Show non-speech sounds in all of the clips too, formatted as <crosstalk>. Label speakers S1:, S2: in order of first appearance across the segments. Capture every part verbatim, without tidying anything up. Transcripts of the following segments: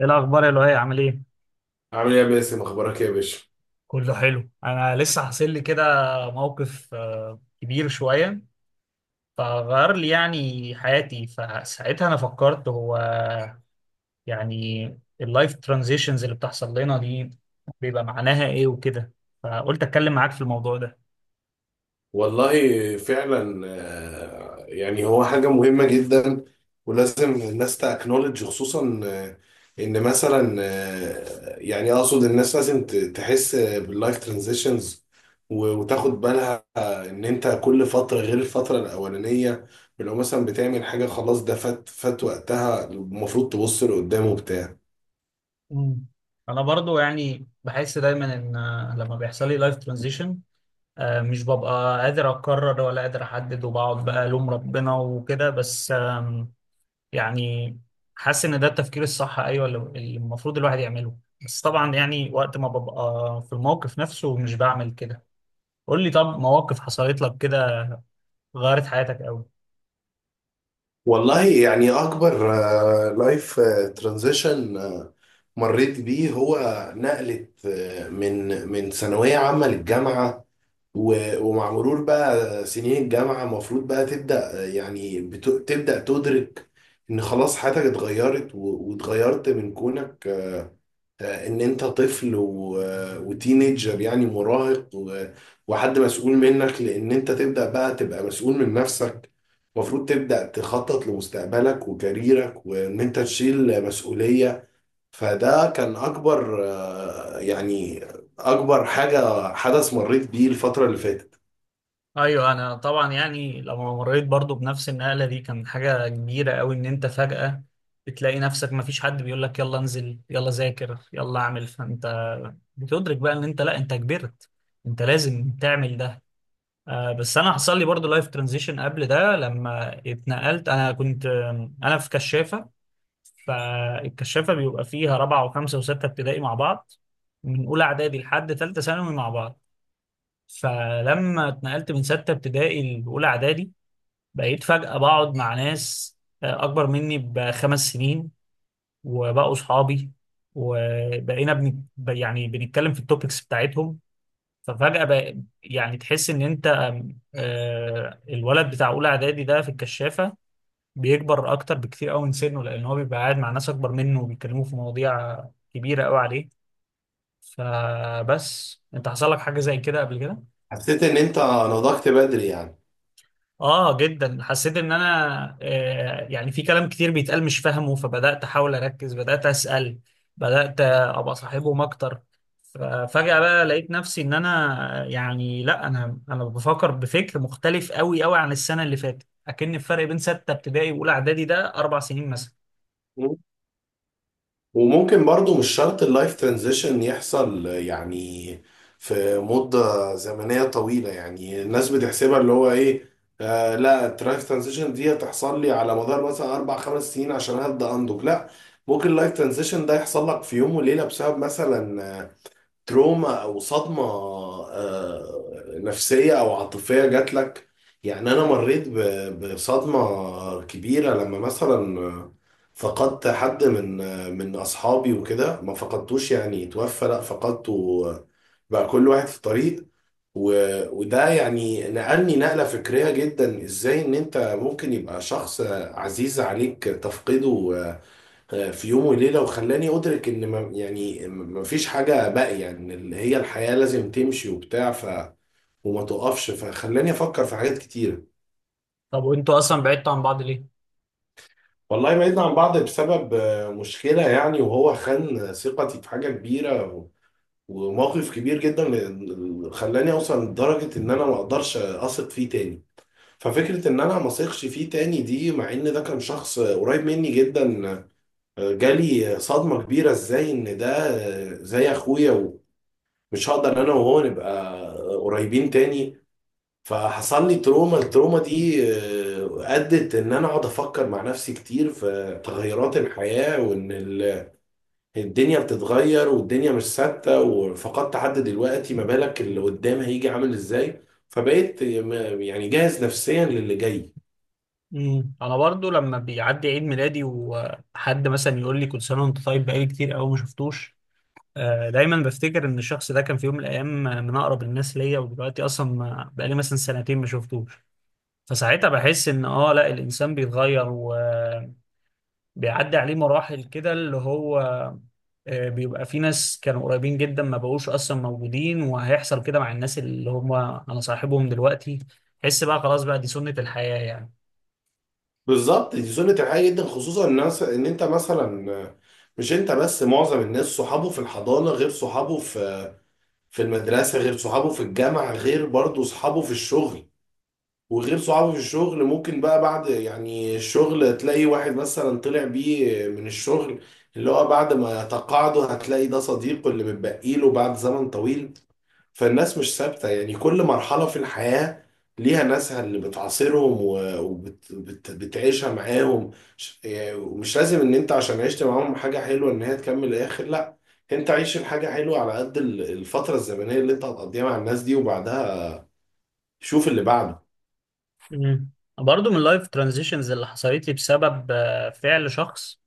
S1: ايه الاخبار يا لؤي؟ عامل ايه؟
S2: عامل ايه يا باسم، اخبارك ايه يا باشا؟
S1: كله حلو، انا لسه حاصل لي كده موقف آه، كبير شويه، فغير لي يعني حياتي. فساعتها انا فكرت هو يعني اللايف ترانزيشنز اللي بتحصل لنا دي بيبقى معناها ايه وكده، فقلت اتكلم معاك في الموضوع ده.
S2: والله فعلا، آه، يعني هو حاجه مهمه جدا. ولازم الناس تاكنولج خصوصا، آه، ان مثلا آه، يعني اقصد الناس لازم ت- تحس باللايف ترانزيشنز، وتاخد بالها آه، ان انت كل فتره غير الفتره الاولانيه. لو مثلا بتعمل حاجه خلاص، ده فات، فات وقتها، المفروض تبص لقدام وبتاع.
S1: مم. انا برضو يعني بحس دايما ان آه، لما بيحصل لي لايف ترانزيشن مش ببقى قادر اقرر ولا قادر احدد، وبقعد بقى الوم ربنا وكده. بس يعني حاسس ان ده التفكير الصح، ايوه، اللي اللي المفروض الواحد يعمله، بس طبعا يعني وقت ما ببقى في الموقف نفسه مش بعمل كده. قول لي، طب مواقف حصلت لك كده غيرت حياتك قوي؟
S2: والله، يعني اكبر لايف ترانزيشن مريت بيه هو نقلة، آه، من من ثانوية عامة للجامعة. و- ومع مرور بقى سنين الجامعة المفروض بقى تبدأ، آه، يعني بت- تبدأ تدرك ان خلاص حياتك اتغيرت و- واتغيرت من كونك، آه، ان انت طفل و... وتينيجر يعني مراهق، و... وحد مسؤول منك، لان انت تبدا بقى تبقى مسؤول من نفسك. المفروض تبدا تخطط لمستقبلك وكاريرك وان انت تشيل مسؤوليه. فده كان اكبر، آه، يعني اكبر حاجه حدث مريت بيه الفتره اللي فاتت.
S1: ايوه، انا طبعا يعني لما مريت برضو بنفس النقله دي كان حاجه كبيره قوي، ان انت فجاه بتلاقي نفسك ما فيش حد بيقول لك يلا انزل، يلا ذاكر، يلا اعمل. فانت بتدرك بقى ان انت، لا، انت كبرت، انت لازم تعمل ده. آه، بس انا حصل لي برضو لايف ترانزيشن قبل ده لما اتنقلت. انا كنت آه، انا في كشافه، فالكشافه بيبقى فيها رابعه وخمسه وسته ابتدائي مع بعض، من اولى اعدادي لحد ثالثه ثانوي مع بعض. فلما اتنقلت من سته ابتدائي لاولى اعدادي بقيت فجاه بقعد مع ناس آه، اكبر مني بخمس سنين، وبقوا صحابي، وبقينا بن... يعني بنتكلم في التوبكس بتاعتهم. ففجأة بقى يعني تحس إن أنت، آم، آه، الولد بتاع أولى إعدادي ده في الكشافة بيكبر أكتر بكتير أوي من سنه، لأن هو بيبقى قاعد مع ناس أكبر منه وبيتكلموا في مواضيع كبيرة أوي عليه. فبس أنت حصل لك حاجة زي كده قبل كده؟
S2: حسيت ان انت نضجت بدري يعني.
S1: اه، جدا، حسيت ان انا آه يعني في كلام كتير بيتقال مش فاهمه، فبدات احاول اركز، بدات اسال، بدات ابقى صاحبهم اكتر. ففجاه بقى لقيت نفسي ان انا يعني، لا، انا انا بفكر، بفكر مختلف قوي قوي عن السنه اللي فاتت، اكن الفرق بين سته ابتدائي واولى اعدادي ده اربع سنين مثلا.
S2: وممكن برضو مش شرط اللايف ترانزيشن يحصل يعني في مدة زمنية طويلة. يعني الناس بتحسبها اللي هو ايه؟ آه، لا، اللايف ترانزيشن دي هتحصل لي على مدار مثلا اربع خمس سنين عشان هبدأ انضج؟ لا، ممكن اللايف ترانزيشن ده يحصل لك في يوم وليلة بسبب مثلا آه، تروما او صدمه آه، نفسيه او عاطفيه جات لك. يعني انا مريت ب- بصدمه كبيره لما مثلا فقدت حد من من اصحابي وكده. ما فقدتوش يعني توفى، لا فقدته، بقى كل واحد في طريق. و- وده يعني نقلني نقله فكريه جدا، ازاي ان انت ممكن يبقى شخص عزيز عليك تفقده آه، في يوم وليلة، وخلاني أدرك إن ما يعني ما فيش حاجة باقية، يعني إن اللي هي الحياة لازم تمشي وبتاع، ف وما تقفش، فخلاني أفكر في حاجات كتيرة.
S1: طب وانتوا اصلا بعدتوا عن بعض ليه؟
S2: والله، بعدنا عن بعض بسبب آه، مشكلة يعني، وهو خان ثقتي في حاجة كبيرة و- وموقف كبير جدا، ل- خلاني أوصل لدرجة إن أنا ما أقدرش أثق فيه تاني. ففكرة إن أنا ما أثقش فيه تاني دي، مع إن ده كان شخص قريب مني جدا، آه، جالي صدمة كبيرة. إزاي إن ده آه، زي أخويا، مش هقدر انا وهو نبقى قريبين تاني. فحصل لي تروما. التروما دي آه، ادت ان انا اقعد افكر مع نفسي كتير في تغيرات الحياة، وان ال- الدنيا بتتغير والدنيا مش ثابتة، وفقدت حد دلوقتي، ما بالك اللي قدام هيجي عامل ازاي؟ فبقيت م- يعني جاهز نفسيا للي جاي.
S1: امم، انا برضو لما بيعدي عيد ميلادي وحد مثلا يقول لي كل سنه وانت طيب بقالي كتير قوي ما شفتوش، آه، دايما بفتكر ان الشخص ده كان في يوم من الايام من اقرب الناس ليا، ودلوقتي اصلا ما- بقالي مثلا سنتين ما شفتوش. فساعتها بحس ان اه، لا، الانسان بيتغير وبيعدي عليه مراحل كده، اللي هو آه، بيبقى في ناس كانوا قريبين جدا ما بقوش اصلا موجودين، وهيحصل كده مع الناس اللي هم انا صاحبهم دلوقتي. حس بقى خلاص بقى دي سنة الحياة يعني.
S2: بالظبط، دي سنة الحياة جدا، خصوصا الناس ان انت مثلا، آه، مش انت بس، معظم الناس صحابه في الحضانة غير صحابه في في المدرسة غير صحابه في الجامعة غير برضه صحابه في الشغل. وغير صحابه في الشغل ممكن بقى بعد يعني الشغل تلاقي واحد مثلا طلع بيه من الشغل، اللي هو بعد ما تقاعده هتلاقي ده صديقه اللي متبقي له بعد زمن طويل. فالناس مش ثابتة. يعني كل مرحلة في الحياة ليها ناسها اللي بتعاصرهم وبتعيشها معاهم. ش- يعني ومش لازم ان انت عشان عشت معاهم حاجة حلوة ان هي تكمل الاخر، لا، انت عيش الحاجة حلوة على قد ال- الفترة الزمنية اللي انت هتقضيها مع الناس دي، وبعدها شوف اللي بعده.
S1: امم. برضه من اللايف ترانزيشنز اللي حصلت لي بسبب آه، فعل شخص،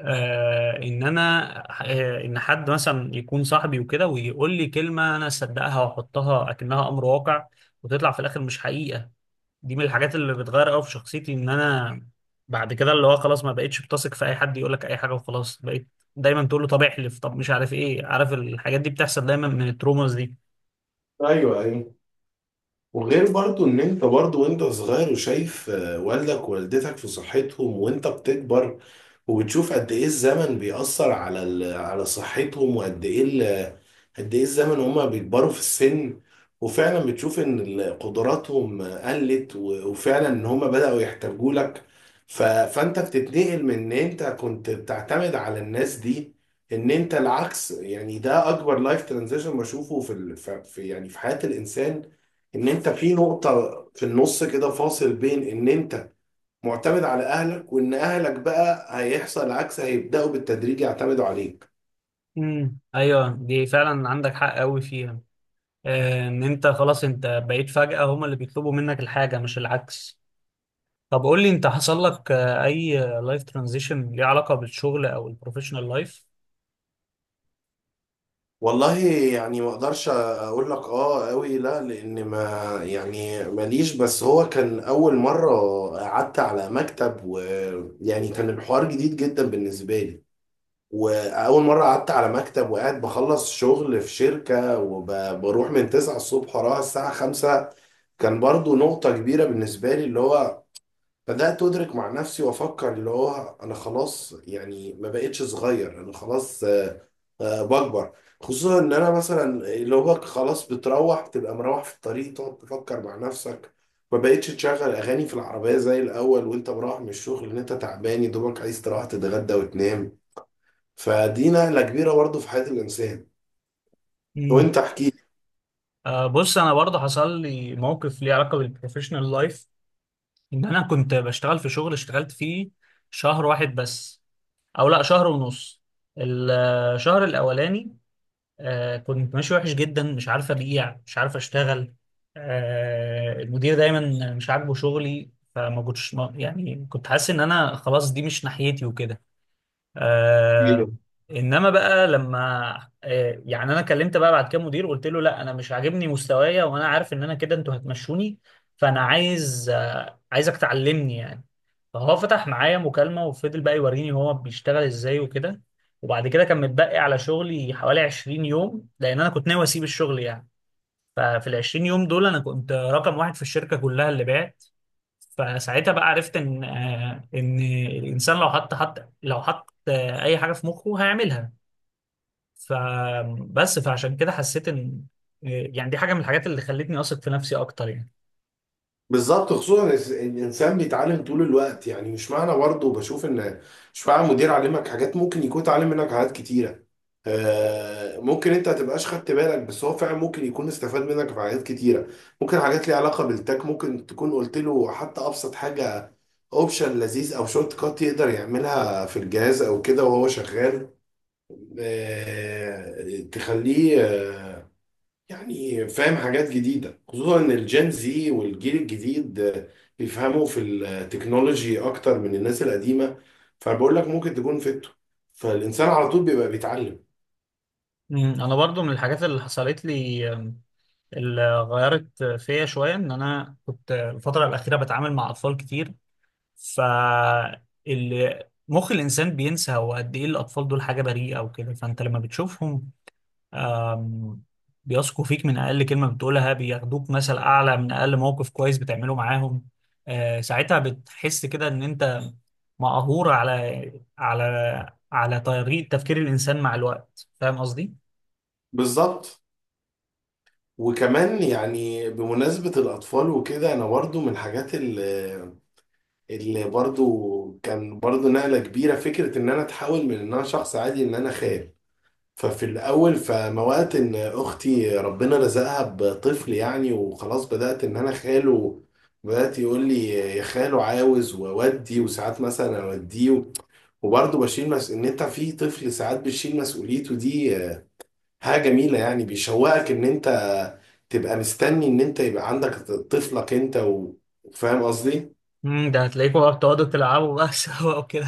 S1: آه ان انا آه ان حد مثلا يكون صاحبي وكده ويقول لي كلمه انا اصدقها واحطها اكنها امر واقع، وتطلع في الاخر مش حقيقه. دي من الحاجات اللي بتغير قوي في شخصيتي، ان انا بعد كده اللي هو خلاص ما بقتش بتثق في اي حد يقول لك اي حاجه، وخلاص بقيت دايما تقول له طب احلف، طب مش عارف ايه، عارف، الحاجات دي بتحصل دايما من التروماز دي.
S2: ايوه، ايوه. وغير برضو ان انت برضو وانت صغير وشايف آه، والدك ووالدتك في صحتهم، وانت بتكبر وبتشوف قد ايه الزمن بيأثر على ال... على صحتهم، وقد ايه ال... قد ايه الزمن هما بيكبروا في السن. وفعلا بتشوف ان ال- قدراتهم قلت و... وفعلا ان هما بدأوا يحتاجوا لك. ف... فانت بتتنقل من ان انت كنت بتعتمد على الناس دي، ان انت العكس. يعني ده اكبر لايف ترانزيشن بشوفه في ال... ف- في يعني في حياة الانسان، ان انت في نقطة في النص كده فاصل بين ان انت معتمد على اهلك وان اهلك بقى هيحصل العكس، هيبداوا بالتدريج يعتمدوا عليك.
S1: امم، ايوه، دي فعلا عندك حق قوي فيها. آه ان انت خلاص انت بقيت فجاه هم اللي بيطلبوا منك الحاجه مش العكس. طب قول لي انت حصل لك آه، اي لايف ترانزيشن ليه علاقه بالشغل او البروفيشنال لايف؟
S2: والله، يعني ما اقدرش اقول لك اه قوي، لا، لان ما يعني ماليش. بس هو كان اول مره قعدت على مكتب، ويعني كان الحوار جديد جدا بالنسبه لي. واول مره قعدت على مكتب وقاعد بخلص شغل في شركه وبروح من تسعة الصبح وراها الساعه خمسة، كان برضو نقطة كبيرة بالنسبة لي. اللي هو بدأت أدرك مع نفسي وأفكر اللي هو أنا خلاص يعني ما بقتش صغير، أنا خلاص آه، آه، بكبر. خصوصا إن أنا مثلا اللي هو خلاص، بتروح تبقى مروح في الطريق تقعد تفكر مع نفسك، ما بقتش تشغل أغاني في العربية زي الأول وأنت مروح من الشغل، إن أنت تعبان يا دوبك عايز تروح تتغدى وتنام. فدي نقلة كبيرة برضه في حياة الإنسان.
S1: مم.
S2: وأنت احكي.
S1: بص، انا برضه حصل لي موقف ليه علاقه بالبروفيشنال لايف. ان انا كنت بشتغل في شغل اشتغلت فيه شهر واحد بس، او لا، شهر ونص. الشهر الاولاني آه، كنت ماشي وحش جدا، مش عارف ابيع، مش عارف اشتغل، آه، المدير دايما مش عاجبه شغلي. فما كنتش ما- يعني كنت حاسس ان انا خلاص دي مش ناحيتي وكده.
S2: لي.
S1: آه انما بقى لما آه يعني انا كلمت بقى بعد كده مدير، قلت له لا انا مش عاجبني مستوايا، وانا عارف ان انا كده انتوا هتمشوني، فانا عايز آه عايزك تعلمني يعني. فهو فتح معايا مكالمة وفضل بقى يوريني هو بيشتغل ازاي وكده. وبعد كده كان متبقي على شغلي حوالي عشرين يوم، لان انا كنت ناوي اسيب الشغل يعني. ففي ال عشرين يوم دول انا كنت رقم واحد في الشركه كلها اللي بعت. فساعتها بقى عرفت ان آه، ان الانسان لو حط حط لو حط آه، اي حاجه في مخه هيعملها. فبس، فعشان كده حسيت ان آه، يعني دي حاجه من الحاجات اللي خلتني اثق في نفسي اكتر يعني.
S2: بالظبط، خصوصا إن الانسان بيتعلم طول الوقت. يعني مش معنى برضه بشوف ان، مش معنى مدير علمك حاجات ممكن يكون اتعلم منك حاجات كتيره. آه، ممكن انت تبقاش خدت بالك بس هو فعلا ممكن يكون استفاد منك في حاجات كتيره. ممكن حاجات ليها علاقه بالتك، ممكن تكون قلت له حتى ابسط حاجه، اوبشن لذيذ او شورت كات يقدر يعملها في الجهاز او كده وهو شغال. آه، تخليه آه، يعني فاهم حاجات جديدة، خصوصا ان الجين زي والجيل الجديد آه، بيفهموا في التكنولوجي اكتر من الناس القديمة. فبقول لك ممكن تكون فته. فالانسان على طول بيبقى بيتعلم.
S1: مم، انا برضو من الحاجات اللي حصلت لي، آم، اللي غيرت فيا شويه، ان انا كنت الفتره الاخيره بتعامل مع اطفال كتير. فال مخ الانسان بينسى هو قد ايه الاطفال دول حاجه بريئه وكده. فانت لما بتشوفهم آم، بيثقوا فيك من اقل كلمه بتقولها، بياخدوك مثل اعلى من اقل موقف كويس بتعمله معاهم. آه، ساعتها بتحس كده ان انت مقهور على على على طريقه تفكير الانسان مع الوقت. فاهم قصدي؟
S2: بالظبط. وكمان يعني بمناسبة الأطفال وكده، أنا برضو من الحاجات اللي, اللي برضو كان برضو نقلة كبيرة، فكرة إن أنا أتحول من إن أنا شخص عادي إن أنا خال. ففي الأول فموقت إن أختي ربنا رزقها بطفل يعني، وخلاص بدأت إن أنا خاله. بدأت يقول لي يا خاله عاوز وأودي وساعات مثلا أوديه، وبرضه بشيل مس... إن أنت في طفل ساعات بتشيل مسؤوليته دي. حاجة جميلة، يعني بيشوقك إن أنت تبقى مستني إن أنت يبقى عندك طفلك أنت و... فاهم قصدي؟
S1: مم، ده هتلاقيكوا بقى بتقعدوا تلعبوا بقى <laughs> سوا وكده.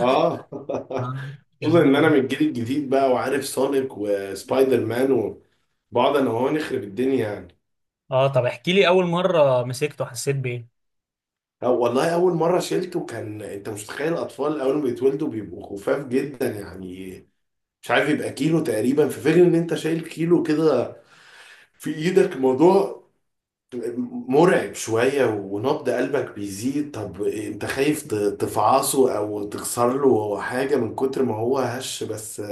S2: آه <laughs>
S1: آه،
S2: خصوصا إن أنا
S1: جميل.
S2: من الجيل الجديد بقى، وعارف سونيك وسبايدر مان، وبقعد أنا وهو نخرب الدنيا يعني.
S1: اه، طب احكي لي اول مره مسكته حسيت بايه؟
S2: أو والله، أول مرة شيلته، كان أنت مش متخيل، الأطفال أول ما بيتولدوا بيبقوا خفاف جدا، يعني مش عارف، يبقى كيلو تقريبا، في فكرة إن أنت شايل كيلو كده في إيدك، موضوع مرعب شوية. ونبض قلبك بيزيد، طب أنت خايف ت- تفعصه أو تكسر له حاجة من كتر ما هو هش. بس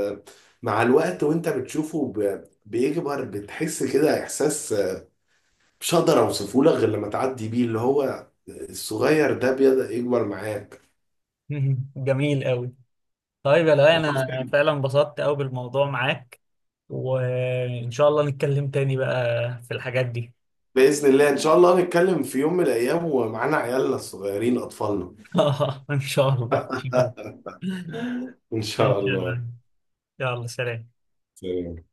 S2: مع الوقت وأنت بتشوفه ب- بيكبر، بتحس كده إحساس مش هقدر أوصفه لك، غير لما تعدي بيه اللي هو الصغير ده بيبدأ يكبر معاك.
S1: <laughs> جميل قوي. طيب يا لؤي،
S2: خلاص،
S1: انا
S2: حلو.
S1: فعلا انبسطت قوي بالموضوع معاك، وان شاء الله نتكلم تاني بقى في الحاجات دي.
S2: بإذن الله، إن شاء الله نتكلم في يوم من الأيام ومعانا عيالنا الصغيرين أطفالنا.
S1: <laughs> ان شاء الله، ان شاء الله.
S2: <laughs>
S1: <laughs>
S2: إن
S1: ماشي
S2: شاء
S1: يا
S2: الله.
S1: لؤي. يلا سلام.
S2: سلام.